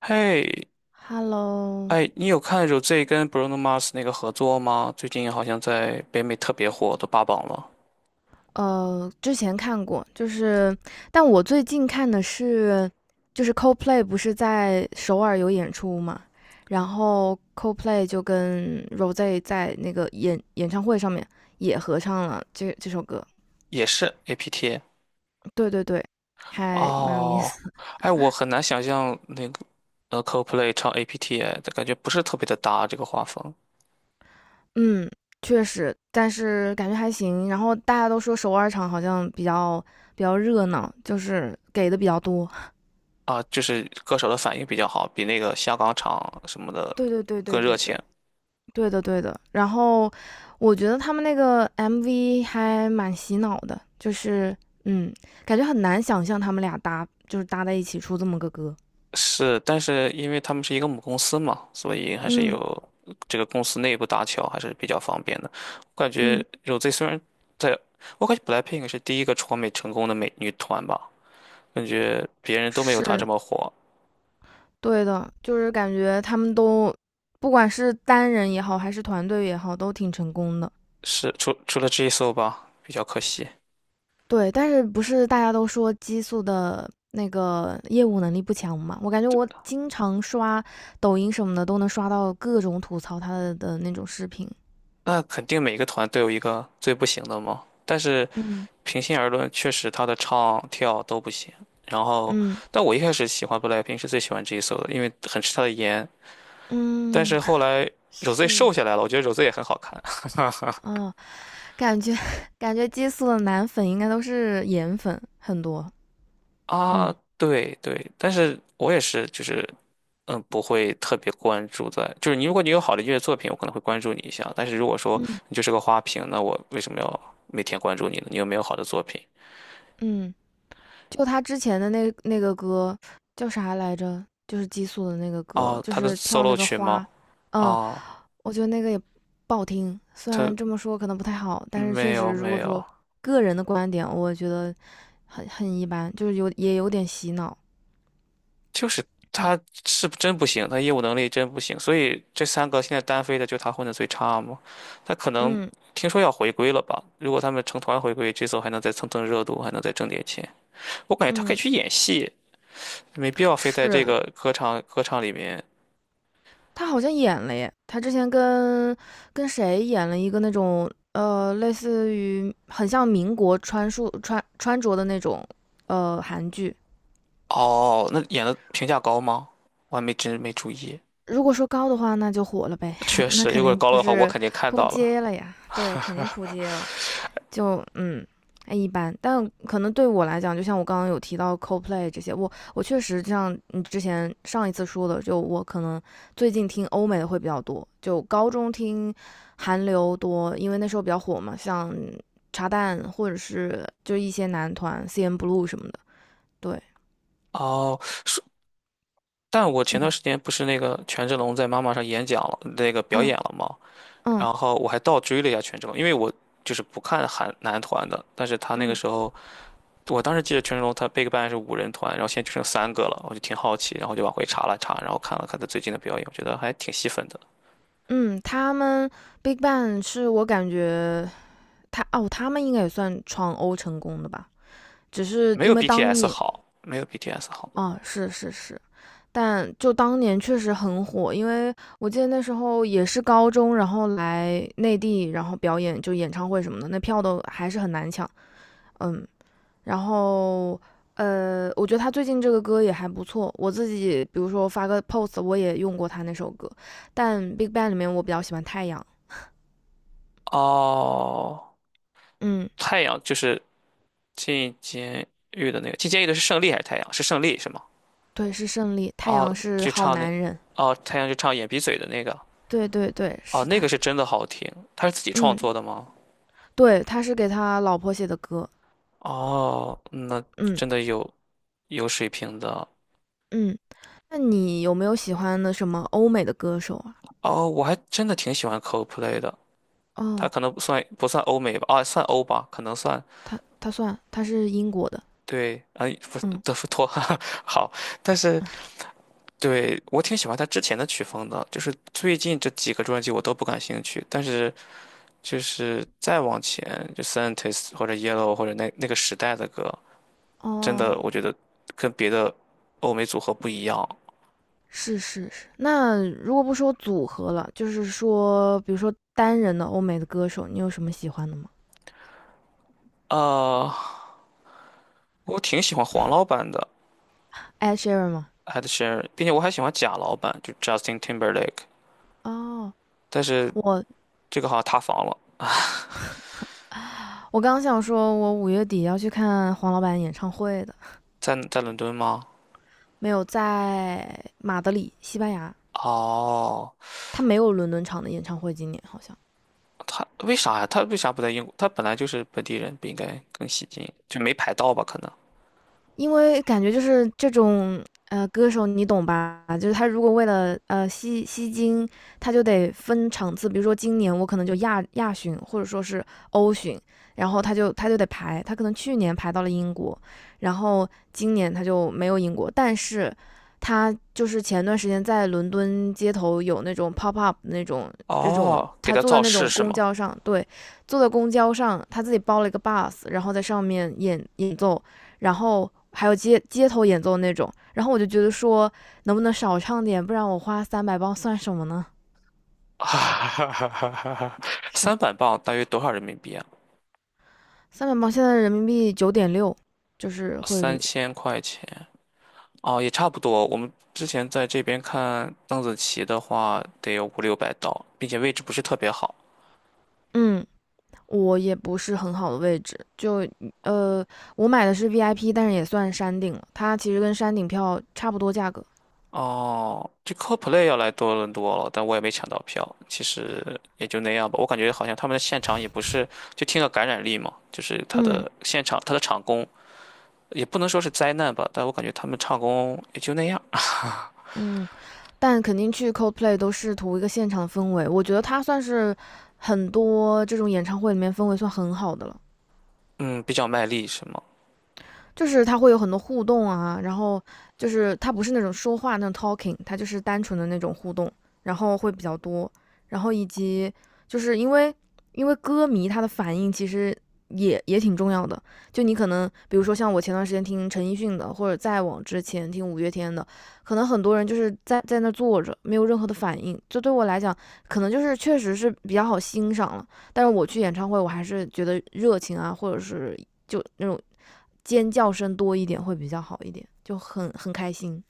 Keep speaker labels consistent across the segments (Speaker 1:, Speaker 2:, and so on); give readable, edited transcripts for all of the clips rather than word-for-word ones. Speaker 1: 嘿，
Speaker 2: Hello，
Speaker 1: 哎，你有看 Rosé 跟 Bruno Mars 那个合作吗？最近好像在北美特别火，都霸榜了，
Speaker 2: 之前看过，就是，但我最近看的是，就是 Coldplay 不是在首尔有演出嘛。然后 Coldplay 就跟 r o s e 在那个演唱会上面也合唱了这首歌，
Speaker 1: 也是 APT。
Speaker 2: 对对对，还蛮有意
Speaker 1: 哦，
Speaker 2: 思。
Speaker 1: 哎，我 很难想象那个Coldplay 唱 APT，哎感觉不是特别的搭这个画风。
Speaker 2: 嗯，确实，但是感觉还行。然后大家都说首尔场好像比较热闹，就是给的比较多。
Speaker 1: 啊，就是歌手的反应比较好，比那个香港场什么的
Speaker 2: 对对对
Speaker 1: 更
Speaker 2: 对
Speaker 1: 热
Speaker 2: 对
Speaker 1: 情。
Speaker 2: 对。对的，对的。然后我觉得他们那个 MV 还蛮洗脑的，嗯，感觉很难想象他们俩搭就是搭在一起出这么个歌。
Speaker 1: 是，但是因为他们是一个母公司嘛，所以还是
Speaker 2: 嗯
Speaker 1: 有这个公司内部搭桥还是比较方便的。我感觉
Speaker 2: 嗯，
Speaker 1: Rosé 虽然在，我感觉 BLACKPINK 是第一个闯美成功的美女团吧，感觉别人都没有她
Speaker 2: 是
Speaker 1: 这么火，
Speaker 2: 对的，就是感觉他们都不管是单人也好，还是团队也好，都挺成功的。
Speaker 1: 是除了 j i s o 吧，比较可惜。
Speaker 2: 对，但是不是大家都说激素的那个业务能力不强嘛？我感觉我经常刷抖音什么的，都能刷到各种吐槽他的那种视频。
Speaker 1: 那肯定每个团都有一个最不行的嘛，但是
Speaker 2: 嗯
Speaker 1: 平心而论，确实她的唱跳都不行。然后，
Speaker 2: 嗯，
Speaker 1: 但我一开始喜欢 BLACKPINK 是最喜欢 j i s o 的，因为很吃她的颜，但
Speaker 2: 嗯，
Speaker 1: 是后来 Rosé
Speaker 2: 是
Speaker 1: 瘦下
Speaker 2: 的，
Speaker 1: 来了，我觉得 r o s e 也很好看。
Speaker 2: 哦，感觉 感觉激素的男粉应该都是颜粉很多，
Speaker 1: 啊。
Speaker 2: 嗯
Speaker 1: 对对，但是我也是，就是嗯，不会特别关注在，就是你如果你有好的音乐作品，我可能会关注你一下。但是如果说
Speaker 2: 嗯
Speaker 1: 你就是个花瓶，那我为什么要每天关注你呢？你有没有好的作品？
Speaker 2: 嗯，就他之前的那个歌叫啥来着？就是激素的那个歌，
Speaker 1: 哦，
Speaker 2: 就
Speaker 1: 他的
Speaker 2: 是跳那
Speaker 1: solo
Speaker 2: 个
Speaker 1: 曲吗？
Speaker 2: 花，嗯，
Speaker 1: 哦，
Speaker 2: 我觉得那个也不好听。虽然这
Speaker 1: 他
Speaker 2: 么说可能不太好，但是
Speaker 1: 没
Speaker 2: 确实，
Speaker 1: 有
Speaker 2: 如
Speaker 1: 没
Speaker 2: 果
Speaker 1: 有。
Speaker 2: 说个人的观点，我觉得很一般，就是有也有点洗脑。
Speaker 1: 就是
Speaker 2: 嗯
Speaker 1: 他是真不行，他业务能力真不行，所以这三个现在单飞的就他混的最差嘛。他可能
Speaker 2: 嗯
Speaker 1: 听说要回归了吧？如果他们成团回归，这次还能再蹭蹭热度，还能再挣点钱。我感觉他可以
Speaker 2: 嗯，
Speaker 1: 去演戏，没必要非在这
Speaker 2: 是，
Speaker 1: 个歌唱里面。
Speaker 2: 他好像演了耶，他之前跟谁演了一个那种，类似于很像民国穿束穿穿着的那种韩剧。
Speaker 1: 哦，那演的评价高吗？我还没真没注意。
Speaker 2: 如果说高的话，那就火了呗，
Speaker 1: 确
Speaker 2: 那
Speaker 1: 实，
Speaker 2: 肯
Speaker 1: 如果
Speaker 2: 定
Speaker 1: 高了
Speaker 2: 就
Speaker 1: 的话，我
Speaker 2: 是
Speaker 1: 肯定看
Speaker 2: 扑
Speaker 1: 到了。
Speaker 2: 街了呀，对，肯定扑街 了。就嗯，哎一般，但可能对我来讲，就像我刚刚有提到 c o l p l a y 这些，我确实就像你之前上一次说的，就我可能最近听欧美的会比较多，就高中听韩流多，因为那时候比较火嘛，像茶蛋或者是就一些男团 CN Blue 什么的，对，
Speaker 1: 哦，说但我前段
Speaker 2: 嗯，
Speaker 1: 时间不是那个权志龙在妈妈上演讲了，那个表
Speaker 2: 嗯
Speaker 1: 演了吗？
Speaker 2: 嗯
Speaker 1: 然后我还倒追了一下权志龙，因为我就是不看韩男团的，但是他那个
Speaker 2: 嗯
Speaker 1: 时候，我当时记得权志龙他 BigBang 是五人团，然后现在就剩三个了，我就挺好奇，然后就往回查了查，然后看了看他最近的表演，我觉得还挺吸粉的，
Speaker 2: 嗯，他们 Big Bang 是我感觉他们应该也算闯欧成功的吧。只是
Speaker 1: 没
Speaker 2: 因
Speaker 1: 有
Speaker 2: 为当
Speaker 1: BTS
Speaker 2: 年。
Speaker 1: 好，没有 BTS 好。
Speaker 2: 啊，是是是，但就当年确实很火，因为我记得那时候也是高中，然后来内地，然后表演就演唱会什么的，那票都还是很难抢，嗯，然后我觉得他最近这个歌也还不错，我自己比如说发个 post，我也用过他那首歌，但 BigBang 里面我比较喜欢太阳，
Speaker 1: 哦，
Speaker 2: 嗯，
Speaker 1: 太阳就是进监狱的那个，进监狱的是胜利还是太阳？是胜利是吗？
Speaker 2: 对，是胜利，太
Speaker 1: 哦，
Speaker 2: 阳是
Speaker 1: 就
Speaker 2: 好
Speaker 1: 唱那，
Speaker 2: 男人，
Speaker 1: 哦，太阳就唱眼鼻嘴的那个，
Speaker 2: 对对对，
Speaker 1: 哦，
Speaker 2: 是
Speaker 1: 那个
Speaker 2: 他，
Speaker 1: 是真的好听，他是自己创
Speaker 2: 嗯，
Speaker 1: 作的吗？
Speaker 2: 对，他是给他老婆写的歌，
Speaker 1: 哦，那
Speaker 2: 嗯
Speaker 1: 真的有有水平的。
Speaker 2: 嗯。那你有没有喜欢的什么欧美的歌手啊？
Speaker 1: 哦，我还真的挺喜欢 Coldplay 的。他
Speaker 2: 哦，
Speaker 1: 可能不算欧美吧，啊，算欧吧，可能算
Speaker 2: 他算他是英国的，
Speaker 1: 对，啊，不是
Speaker 2: 嗯，
Speaker 1: 德芙托，好，但是对我挺喜欢他之前的曲风的，就是最近这几个专辑我都不感兴趣，但是就是再往前，就 Scientist 或者 Yellow 或者那个时代的歌，真
Speaker 2: 哦，
Speaker 1: 的我觉得跟别的欧美组合不一样。
Speaker 2: 是是是。那如果不说组合了，就是说，比如说单人的欧美的歌手，你有什么喜欢的吗
Speaker 1: 啊，我挺喜欢黄老板的。
Speaker 2: ？Ed Sheeran 吗？
Speaker 1: Ed s h e r a n 并且我还喜欢假老板，就 Justin Timberlake，
Speaker 2: 哦，
Speaker 1: 但是
Speaker 2: 我
Speaker 1: 这个好像塌房了，
Speaker 2: 我刚想说，我五月底要去看黄老板演唱会的，
Speaker 1: 在在伦敦吗？
Speaker 2: 没有在马德里，西班牙。
Speaker 1: 哦，
Speaker 2: 他没有伦敦场的演唱会，今年好像。
Speaker 1: 他为啥呀？他为啥不在英国？他本来就是本地人，不应该更吸金，就没排到吧？可能。
Speaker 2: 因为感觉就是这种歌手，你懂吧？就是他如果为了吸金，他就得分场次，比如说今年我可能就亚巡或者说是欧巡，然后他就得排，他可能去年排到了英国，然后今年他就没有英国，但是他就是前段时间在伦敦街头有那种 pop up 那种这种，
Speaker 1: 哦，给
Speaker 2: 他
Speaker 1: 他
Speaker 2: 坐在
Speaker 1: 造
Speaker 2: 那
Speaker 1: 势
Speaker 2: 种
Speaker 1: 是
Speaker 2: 公
Speaker 1: 吗？
Speaker 2: 交上，对，坐在公交上，他自己包了一个 bus，然后在上面演奏。然后还有街头演奏那种。然后我就觉得说，能不能少唱点，不然我花三百磅算什么呢？
Speaker 1: 哈哈哈哈哈哈！
Speaker 2: 是
Speaker 1: 三百磅大约多少人民币啊？
Speaker 2: 三百磅，现在人民币9.6，就是汇
Speaker 1: 三
Speaker 2: 率。
Speaker 1: 千块钱哦，也差不多。我们之前在这边看邓紫棋的话，得有五六百刀，并且位置不是特别好。
Speaker 2: 嗯，我也不是很好的位置，就呃，我买的是 VIP，但是也算山顶了，它其实跟山顶票差不多价格。
Speaker 1: 哦，这 c o l p l a y 要来多伦多了，但我也没抢到票。其实也就那样吧，我感觉好像他们的现场也不是，就听了感染力嘛，就是他
Speaker 2: 嗯
Speaker 1: 的现场，他的场工也不能说是灾难吧，但我感觉他们唱功也就那样。
Speaker 2: 嗯，但肯定去 Coldplay 都是图一个现场氛围，我觉得它算是很多这种演唱会里面氛围算很好的了。
Speaker 1: 嗯，比较卖力是吗？
Speaker 2: 就是他会有很多互动啊，然后就是他不是那种说话那种 talking，他就是单纯的那种互动，然后会比较多，然后以及就是因为歌迷他的反应其实也挺重要的，就你可能比如说像我前段时间听陈奕迅的，或者再往之前听五月天的，可能很多人就是在那坐着没有任何的反应，这对我来讲可能就是确实是比较好欣赏了，但是我去演唱会我还是觉得热情啊，或者是。就那种尖叫声多一点会比较好一点，就很开心。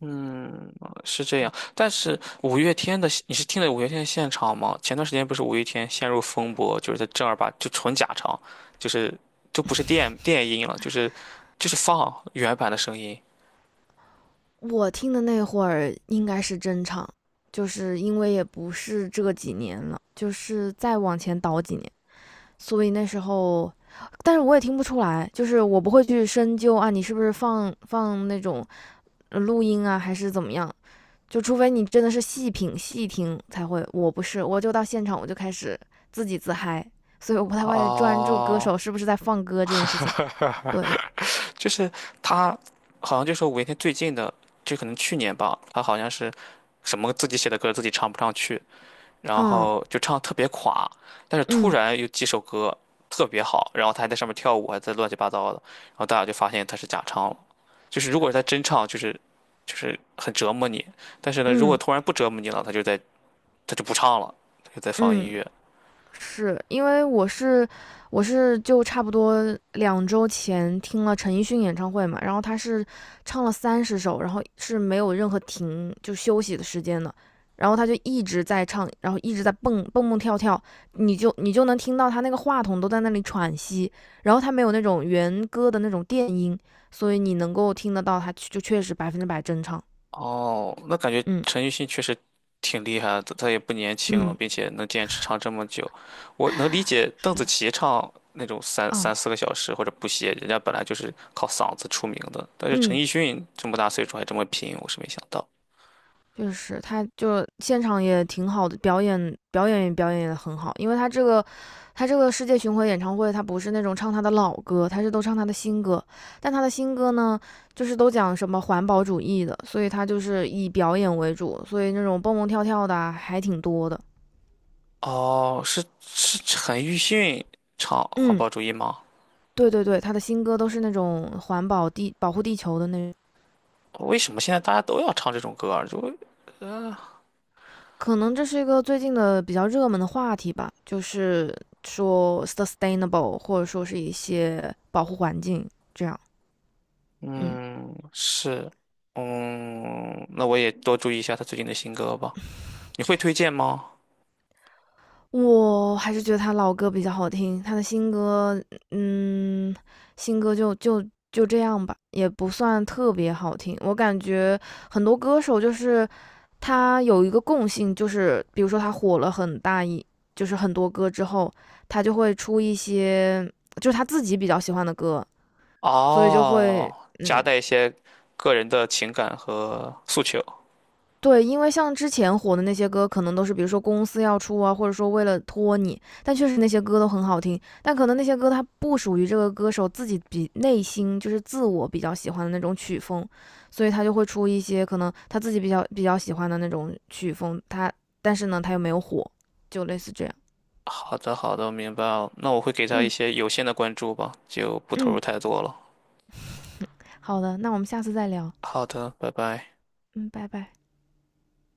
Speaker 1: 嗯，是这
Speaker 2: 嗯，
Speaker 1: 样。但是五月天的，你是听了五月天的现场吗？前段时间不是五月天陷入风波，就是他正儿八就纯假唱，就是就不是电 电音了，就是就是放原版的声音。
Speaker 2: 我听的那会儿应该是真唱，就是因为也不是这几年了，就是再往前倒几年，所以那时候，但是我也听不出来，就是我不会去深究啊，你是不是放那种录音啊，还是怎么样？就除非你真的是细品细听才会，我不是，我就到现场我就开始自己自嗨，所以我不太会专注歌手
Speaker 1: 哦，
Speaker 2: 是不是在放歌这件事情。对，
Speaker 1: 就是他，好像就说五月天最近的，就可能去年吧，他好像是什么自己写的歌自己唱不上去，然
Speaker 2: 嗯
Speaker 1: 后就唱得特别垮，但是突
Speaker 2: 嗯
Speaker 1: 然有几首歌特别好，然后他还在上面跳舞，还在乱七八糟的，然后大家就发现他是假唱了。就是如果他真唱，就是就是很折磨你，但是呢，如果
Speaker 2: 嗯
Speaker 1: 突然不折磨你了，他就在他就不唱了，他就在放音
Speaker 2: 嗯，
Speaker 1: 乐。
Speaker 2: 是因为我是就差不多两周前听了陈奕迅演唱会嘛，然后他是唱了30首，然后是没有任何停就休息的时间的，然后他就一直在唱，然后一直在蹦蹦跳跳，你就能听到他那个话筒都在那里喘息，然后他没有那种原歌的那种电音，所以你能够听得到他就确实100%真唱，
Speaker 1: 哦，那感觉
Speaker 2: 嗯
Speaker 1: 陈奕迅确实挺厉害的，他他也不年轻了，
Speaker 2: 嗯
Speaker 1: 并且能坚持唱这么久。我能理解邓紫棋唱那种三
Speaker 2: 哦
Speaker 1: 三四个小时或者不歇，人家本来就是靠嗓子出名的，但是陈
Speaker 2: 嗯。
Speaker 1: 奕迅这么大岁数还这么拼，我是没想到。
Speaker 2: 确实，他就现场也挺好的，表演也很好，因为他这个世界巡回演唱会，他不是那种唱他的老歌，他是都唱他的新歌，但他的新歌呢，就是都讲什么环保主义的，所以他就是以表演为主，所以那种蹦蹦跳跳的啊还挺多的。
Speaker 1: 哦，是是陈奕迅唱《环
Speaker 2: 嗯，
Speaker 1: 保主义》吗？
Speaker 2: 对对对，他的新歌都是那种环保地保护地球的那
Speaker 1: 为什么现在大家都要唱这种歌儿？就
Speaker 2: 可能这是一个最近的比较热门的话题吧，就是说 sustainable，或者说是一些保护环境这样。嗯，
Speaker 1: 嗯是，嗯，那我也多注意一下他最近的新歌吧。你会推荐吗？
Speaker 2: 我还是觉得他老歌比较好听，他的新歌，嗯，新歌就这样吧，也不算特别好听。我感觉很多歌手就是他有一个共性，就是比如说他火了很大一，就是很多歌之后，他就会出一些就是他自己比较喜欢的歌，所以就会
Speaker 1: 哦，夹
Speaker 2: 嗯，
Speaker 1: 带一些个人的情感和诉求。
Speaker 2: 对，因为像之前火的那些歌，可能都是比如说公司要出啊，或者说为了托你，但确实那些歌都很好听，但可能那些歌它不属于这个歌手自己比内心就是自我比较喜欢的那种曲风，所以他就会出一些可能他自己比较喜欢的那种曲风，他但是呢他又没有火，就类似这样。
Speaker 1: 好的，好的，我明白了。那我会给他一
Speaker 2: 嗯
Speaker 1: 些有限的关注吧，就不投入
Speaker 2: 嗯，
Speaker 1: 太多了。
Speaker 2: 好的，那我们下次再聊。
Speaker 1: 好的，拜拜。
Speaker 2: 嗯，拜拜。